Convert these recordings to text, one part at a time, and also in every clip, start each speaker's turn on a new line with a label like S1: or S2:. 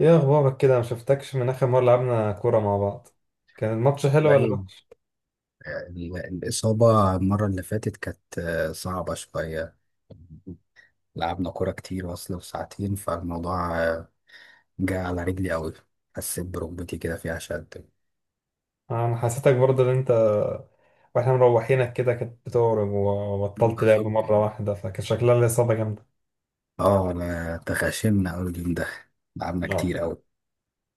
S1: ايه اخبارك كده؟ ما شفتكش من اخر مره لعبنا كوره مع بعض. كان الماتش حلو ولا
S2: والله،
S1: ماتش؟
S2: الإصابة المرة اللي فاتت كانت صعبة شوية. لعبنا كورة كتير، وصل وساعتين، فالموضوع جه على رجلي أوي. حسيت بركبتي كده فيها شد.
S1: انا حسيتك برضه ان انت واحنا مروحينك كده كنت بتهرب وبطلت لعب مره واحده، فكان شكلها لي اصابه جامده.
S2: اه، أنا تخاشمنا أوي اليوم ده. لعبنا
S1: آه.
S2: كتير أوي.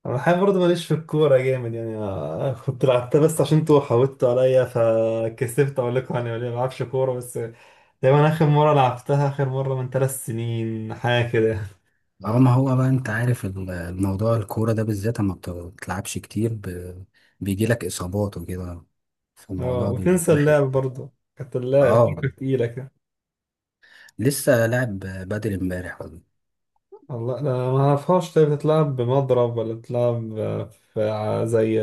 S1: انا الحقيقه برضه ماليش في الكوره جامد يعني، كنت لعبتها بس عشان انتوا حاولتوا عليا فكسفت اقول لكم يعني ما بلعبش كوره بس. دايما اخر مره لعبتها، اخر مره من 3 سنين حاجه كده.
S2: اه، ما هو بقى انت عارف الموضوع الكورة ده بالذات، اما بتلعبش كتير، بيجيلك إصابات وكده،
S1: اه،
S2: فالموضوع بيبقى
S1: وتنسى
S2: وحش
S1: اللعب
S2: يعني.
S1: برضه، كانت اللعب
S2: اه.
S1: الحركه تقيله كده.
S2: لسه لاعب بدري امبارح والله.
S1: الله! ده ما اعرفهاش. طيب بتتلعب بمضرب ولا بتتلعب في زي،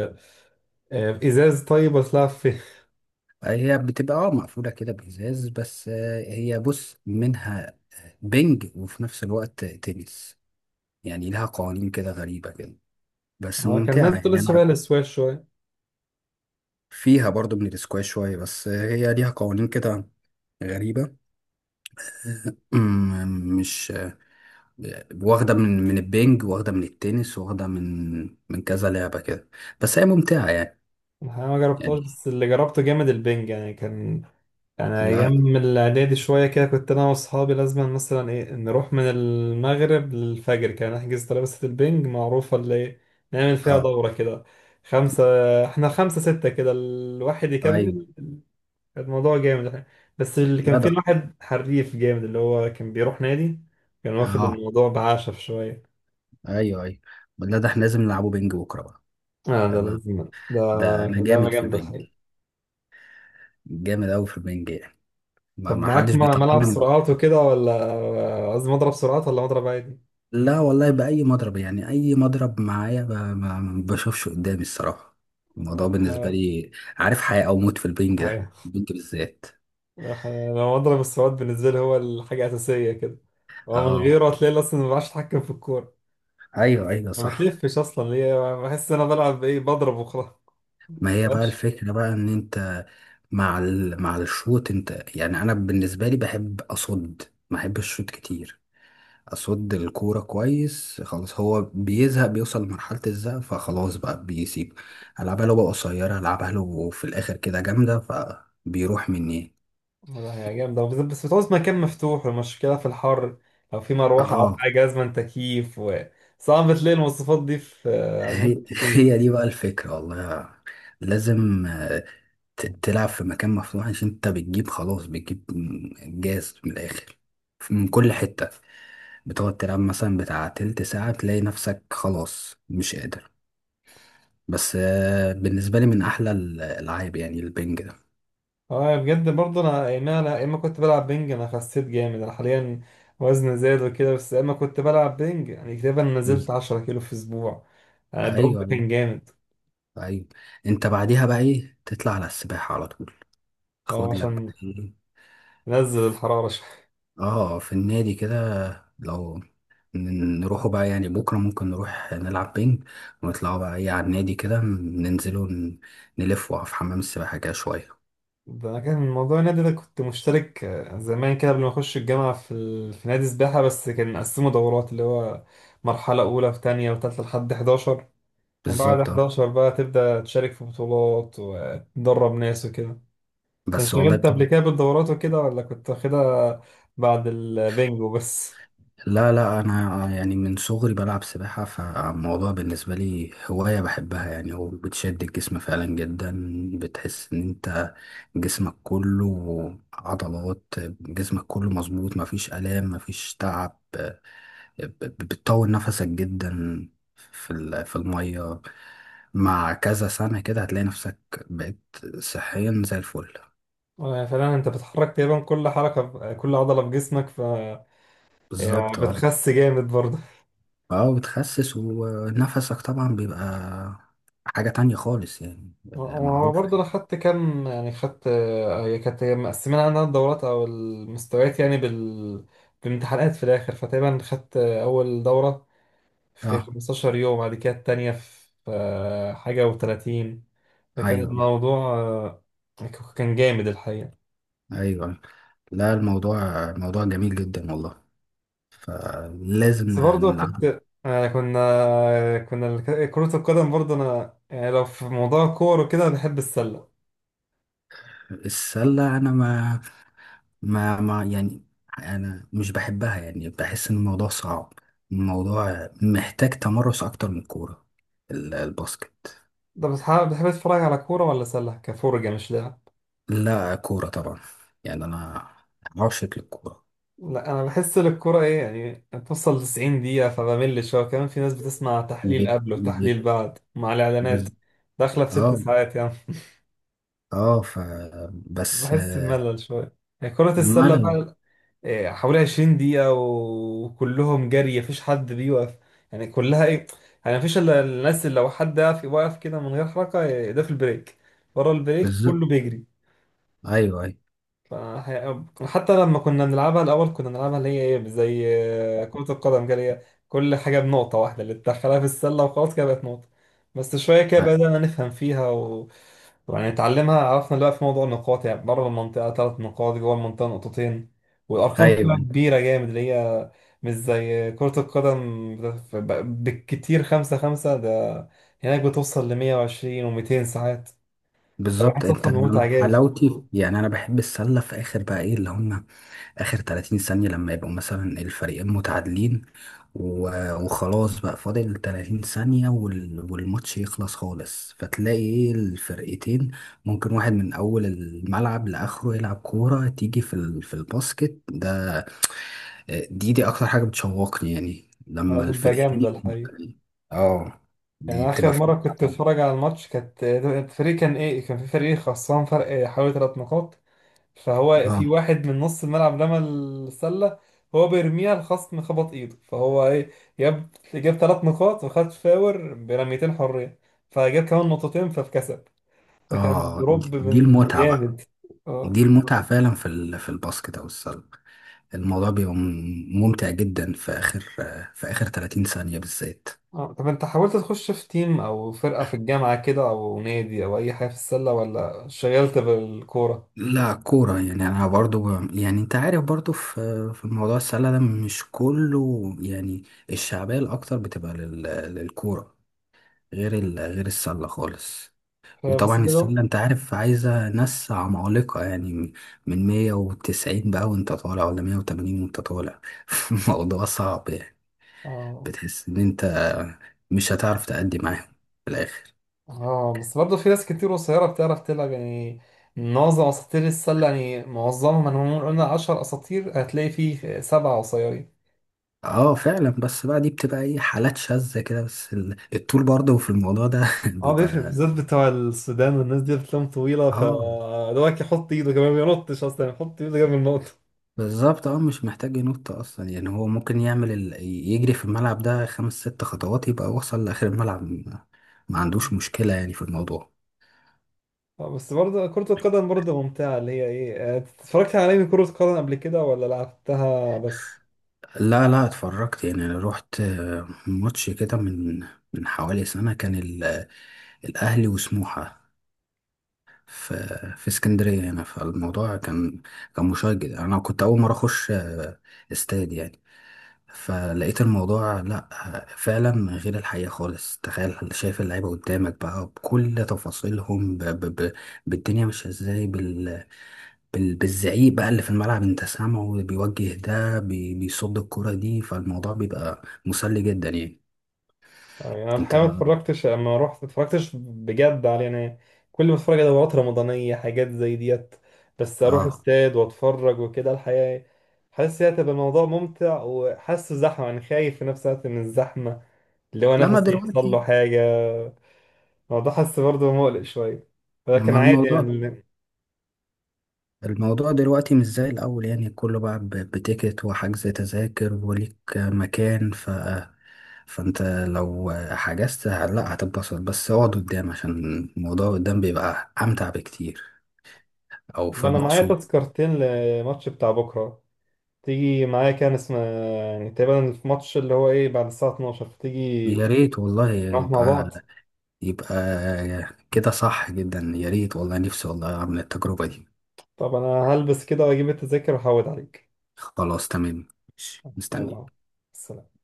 S1: في ازاز، طيب ولا بتتلعب في
S2: هي بتبقى مقفولة كده بإزاز، بس هي بص منها بنج وفي نفس الوقت تنس. يعني لها قوانين كده غريبة كده، بس
S1: اه، كان الناس
S2: ممتعة
S1: بتقول
S2: يعني
S1: لسه بقى
S2: أنا.
S1: للسواش شويه.
S2: فيها برضو من الاسكواش شوية، بس هي ليها قوانين كده غريبة. مش واخدة من البنج، واخدة من التنس، واخدة من كذا لعبة كده، بس هي ممتعة يعني.
S1: الحقيقة ما جربتهاش،
S2: يعني.
S1: بس اللي جربته جامد البنج يعني، كان يعني
S2: لا.
S1: ايام الاعدادي شويه كده كنت انا واصحابي لازم مثلا ايه نروح من المغرب للفجر، كان نحجز ترابيزه البنج معروفه اللي إيه، نعمل فيها
S2: اه.
S1: دوره كده. خمسه احنا خمسه سته كده الواحد
S2: ايوه.
S1: يكمل. كان الموضوع جامد احنا، بس اللي كان
S2: لا
S1: فيه
S2: ده.
S1: واحد حريف جامد اللي هو كان بيروح نادي، كان واخد
S2: اه.
S1: الموضوع بعشف شوية.
S2: ايوه، ايوه. لا، ده احنا لازم نلعبه بنج بكرة بقى.
S1: اه، ده
S2: انا
S1: لازم. ده
S2: ده انا
S1: ده أنا
S2: جامد في
S1: جامد
S2: البنج.
S1: الحقيقة.
S2: جامد قوي في البنج يعني. ما
S1: طب
S2: ما
S1: معاك
S2: حدش
S1: ملعب
S2: بيطلعني من
S1: سرعات
S2: البنج.
S1: وكده، ولا قصدي مضرب سرعات ولا مضرب عادي؟
S2: لا والله، بأي مضرب يعني، أي مضرب معايا، ما بشوفش قدامي الصراحة. الموضوع بالنسبة
S1: ح-
S2: لي، عارف، حياة أو موت في البنج، ده
S1: حقيقة.
S2: البنج بالذات.
S1: أنا مضرب السرعات بالنسبة لي هو الحاجة الأساسية كده، هو من
S2: اه،
S1: غيره هتلاقي أصلا ما بعرفش أتحكم في الكورة.
S2: أيوه، أيوه،
S1: ما
S2: صح.
S1: بتلفش أصلا ليه، بحس إن أنا بلعب إيه بضرب وخلاص.
S2: ما هي بقى الفكرة بقى إن أنت مع مع الشوط، أنت يعني أنا بالنسبة لي بحب أصد. ما بحبش الشوط كتير. اصد الكوره كويس، خلاص هو بيزهق بيوصل لمرحله الزهق، فخلاص بقى بيسيب. العبها له بقى قصيره، العبها له في الاخر كده جامده، فبيروح مني.
S1: والله هي جامدة، بس بتعوز مكان مفتوح، والمشكلة في الحر. لو في مروحة أو
S2: اه.
S1: حاجة، لازم تكييف، وصعب تلاقي المواصفات دي في أماكن
S2: هي
S1: كتير.
S2: هي دي بقى الفكره والله. لازم تلعب في مكان مفتوح، عشان انت بتجيب، خلاص بتجيب جاز من الاخر، من كل حته. بتقعد تلعب مثلا بتاع تلت ساعه، تلاقي نفسك خلاص مش قادر، بس بالنسبه لي من احلى الالعاب يعني البنج.
S1: اه، يعني بجد برضه أنا يا إما كنت بلعب بينج. أنا خسيت جامد، أنا حاليا وزني زاد وكده، بس يا إما كنت بلعب بينج يعني تقريبا
S2: ده.
S1: نزلت 10 كيلو في أسبوع. يعني
S2: ايوه،
S1: الدروب
S2: ايوه،
S1: كان جامد.
S2: أيوة. انت بعديها بقى ايه، تطلع على السباحه على طول،
S1: اه،
S2: خد لك
S1: عشان
S2: بقى إيه؟
S1: نزل الحرارة.
S2: اه، في النادي كده، لو نروحوا بقى يعني، بكره ممكن نروح نلعب بينج، ونطلعوا بقى ايه على النادي كده، ننزلوا نلفوا في حمام السباحه كده شويه.
S1: ده انا كان موضوع النادي ده كنت مشترك زمان كده قبل ما اخش الجامعه في في نادي سباحه، بس كان مقسمه دورات اللي هو مرحله اولى وثانيه وثالثه لحد 11. ومن بعد
S2: بالظبط، اه.
S1: 11 بقى تبدا تشارك في بطولات وتدرب ناس وكده. انت
S2: بس والله،
S1: اشتغلت قبل كده بالدورات وكده ولا كنت واخدها بعد البنجو بس؟
S2: لا، لا، انا يعني من صغري بلعب سباحة، فالموضوع بالنسبة لي هواية بحبها يعني، وبتشد الجسم فعلا جدا. بتحس ان انت جسمك كله عضلات، جسمك كله مظبوط، مفيش آلام، مفيش تعب، بتطول نفسك جدا في في المية، مع كذا سنة كده هتلاقي نفسك بقيت صحيا زي الفل.
S1: آه، فعلا انت بتحرك تقريبا كل حركه، كل عضله في جسمك هي
S2: بالظبط، اه،
S1: بتخس جامد برضه.
S2: اه. بتخسس ونفسك طبعا بيبقى حاجة تانية خالص يعني.
S1: هو
S2: معروفة.
S1: برضه انا خدت كام، يعني خدت هي كانت مقسمين عندنا الدورات او المستويات يعني بامتحانات في الاخر، فتقريبا خدت اول دوره في
S2: اه،
S1: 15 يوم، بعد كده التانيه في حاجه و30. فكان
S2: ايوه،
S1: الموضوع، كان جامد الحقيقه.
S2: ايوه. لا، موضوع جميل جدا والله، فلازم
S1: بس برضه
S2: نلعب.
S1: كنت آه، كنا آه، كنا الك- كرة القدم برضه انا، يعني لو في موضوع كورة وكده بحب السلة.
S2: السلة انا ما يعني، انا مش بحبها يعني، بحس ان الموضوع صعب، الموضوع محتاج تمرس اكتر من الكورة، الباسكت.
S1: ده بتحب تتفرج على كورة ولا سلة، كفرجة مش لعب؟
S2: لا، كورة طبعا يعني، انا عاشق للكورة.
S1: لا، انا بحس ان الكوره ايه يعني بتوصل 90 دقيقه فبمل شويه، كمان في ناس بتسمع تحليل
S2: بت...
S1: قبل
S2: بت...
S1: وتحليل بعد مع الاعلانات،
S2: بز...
S1: داخله في ست
S2: اه،
S1: ساعات يعني.
S2: اه. بس.
S1: بحس بملل شويه. يعني كره السله
S2: ملل.
S1: بقى إيه، حوالي 20 دقيقه وكلهم جري، مفيش حد بيوقف. يعني كلها ايه، يعني مفيش الا الناس اللي لو حد واقف واقف كده من غير حركه إيه، ده في البريك. ورا البريك
S2: بالظبط،
S1: كله بيجري.
S2: ايوه، ايوه،
S1: حتى لما كنا بنلعبها الأول كنا بنلعبها اللي هي إيه زي كرة القدم كده، اللي هي كل حاجة بنقطة واحدة اللي تدخلها في السلة وخلاص كده بقت نقطة. بس شوية كده
S2: آه،
S1: بدأنا نفهم فيها و... ويعني نتعلمها، عرفنا بقى في موضوع النقاط، يعني بره المنطقة 3 نقاط، جوه المنطقة نقطتين، والأرقام
S2: ايوه،
S1: فيها
S2: أيوة.
S1: كبيرة جامد اللي هي مش زي كرة القدم، بالكتير 5-5. ده هناك بتوصل 120 وميتين ساعات،
S2: بالظبط،
S1: فبحس
S2: انت
S1: أصلا
S2: أنا
S1: بمتعة جامد في
S2: حلاوتي
S1: الموضوع.
S2: يعني، انا بحب السله في اخر بقى ايه اللي هم، اخر 30 ثانيه لما يبقوا مثلا الفريقين متعادلين، وخلاص بقى فاضل 30 ثانيه، والماتش يخلص خالص، فتلاقي ايه الفرقتين ممكن واحد من اول الملعب لاخره يلعب كوره تيجي في في الباسكت ده. دي اكتر حاجه بتشوقني يعني لما
S1: هتبقى
S2: الفرقتين
S1: جامدة
S2: يبقوا
S1: الحقيقة.
S2: متكاملين. اه، دي
S1: يعني
S2: بتبقى
S1: آخر
S2: فعلا
S1: مرة كنت
S2: حاجة.
S1: أتفرج على الماتش كانت الفريق كان إيه، كان في فريق خسران فرق حوالي 3 نقاط. فهو في
S2: اه،
S1: واحد من نص الملعب رمى السلة، هو بيرميها الخصم خبط إيده، فهو إيه جاب 3 نقاط وخد فاور برميتين حرية، فجاب كمان نقطتين فكسب. فكان
S2: اه. دي
S1: دروب
S2: دي
S1: من
S2: المتعه بقى،
S1: جامد.
S2: دي
S1: اه.
S2: المتعه فعلا في في الباسكت او السله. الموضوع بيبقى ممتع جدا في اخر، في اخر 30 ثانيه بالذات.
S1: آه. طب أنت حاولت تخش في تيم أو فرقة في الجامعة كده، أو نادي، أو أي حاجة في السلة، ولا شغلت بالكورة؟
S2: لا، كوره يعني، انا برضو يعني انت عارف برضو، في موضوع السله ده مش كله يعني، الشعبيه الاكتر بتبقى للكوره، غير غير السله خالص.
S1: آه، بس
S2: وطبعا
S1: ده جو؟
S2: السله انت عارف عايزه ناس عمالقه يعني، من 190 بقى وانت طالع، ولا 180 وانت طالع. الموضوع صعب يعني،
S1: آه،
S2: بتحس ان انت مش هتعرف تأدي معاهم في الاخر.
S1: اه، بس برضه في ناس كتير قصيرة بتعرف تلعب يعني. معظم اساطير السلة، يعني معظمهم، انا لو قلنا 10 اساطير هتلاقي فيه سبعة قصيرين.
S2: اه، فعلا، بس بقى دي بتبقى ايه، حالات شاذة كده، بس الطول برضه في الموضوع ده
S1: اه، بيفرق
S2: بيبقى.
S1: بالذات بتوع السودان والناس دي بتلاقيهم طويلة،
S2: اه،
S1: فدوك يحط ايده كمان ما بينطش اصلا، يحط ايده جنب النقطة.
S2: بالظبط، اه. مش محتاج ينط اصلا يعني، هو ممكن يعمل يجري في الملعب ده خمس ست خطوات يبقى وصل لاخر الملعب، ما عندوش مشكلة يعني في الموضوع.
S1: اه، بس برضه كرة القدم برضه ممتعة اللي هي ايه، اتفرجت على انمي كرة قدم قبل كده ولا لعبتها بس؟
S2: لا، لا، اتفرجت يعني، انا روحت ماتش كده من حوالي سنة، كان الاهلي وسموحة في في اسكندرية هنا، فالموضوع كان مشجع، انا كنت اول مرة اخش استاد يعني. فلقيت الموضوع، لا فعلا غير الحقيقة خالص، تخيل شايف اللعيبة قدامك بقى بكل تفاصيلهم، بالدنيا مش ازاي، بالزعيق بقى اللي في الملعب انت سامعه، بيوجه ده بيصد الكرة دي، فالموضوع بيبقى مسلي جدا يعني.
S1: آه، يعني انا
S2: انت.
S1: الحقيقه ما اتفرجتش، اما رحت ما اتفرجتش بجد على يعني، كل ما اتفرج على دورات رمضانيه حاجات زي ديت. بس اروح
S2: اه.
S1: استاد واتفرج وكده الحقيقه إيه، حاسس هي هتبقى الموضوع ممتع، وحاسه زحمه، يعني خايف في نفس الوقت من الزحمه اللي هو
S2: لما
S1: نفسي يحصل له
S2: دلوقتي،
S1: حاجه. الموضوع حاسس برضه مقلق شويه، ولكن
S2: ما
S1: عادي يعني.
S2: الموضوع دلوقتي مش زي الأول يعني، كله بقى بتيكت وحجز تذاكر وليك مكان، فأنت لو حجزت لا هتتبسط، بس اقعد قدام عشان الموضوع قدام بيبقى أمتع بكتير، أو في
S1: طب انا معايا
S2: المقصود.
S1: تذكرتين لماتش بتاع بكره، تيجي معايا؟ كان اسمه، يعني تقريبا الماتش اللي هو ايه بعد الساعه 12، تيجي
S2: يا ريت والله
S1: نروح مع
S2: يبقى
S1: بعض.
S2: يبقى كده صح جدا، يا ريت والله، نفسي والله أعمل التجربة دي.
S1: طب انا هلبس كده واجيب التذاكر واحود عليك.
S2: خلاص، تمام، ماشي. مستني.
S1: يلا. السلام.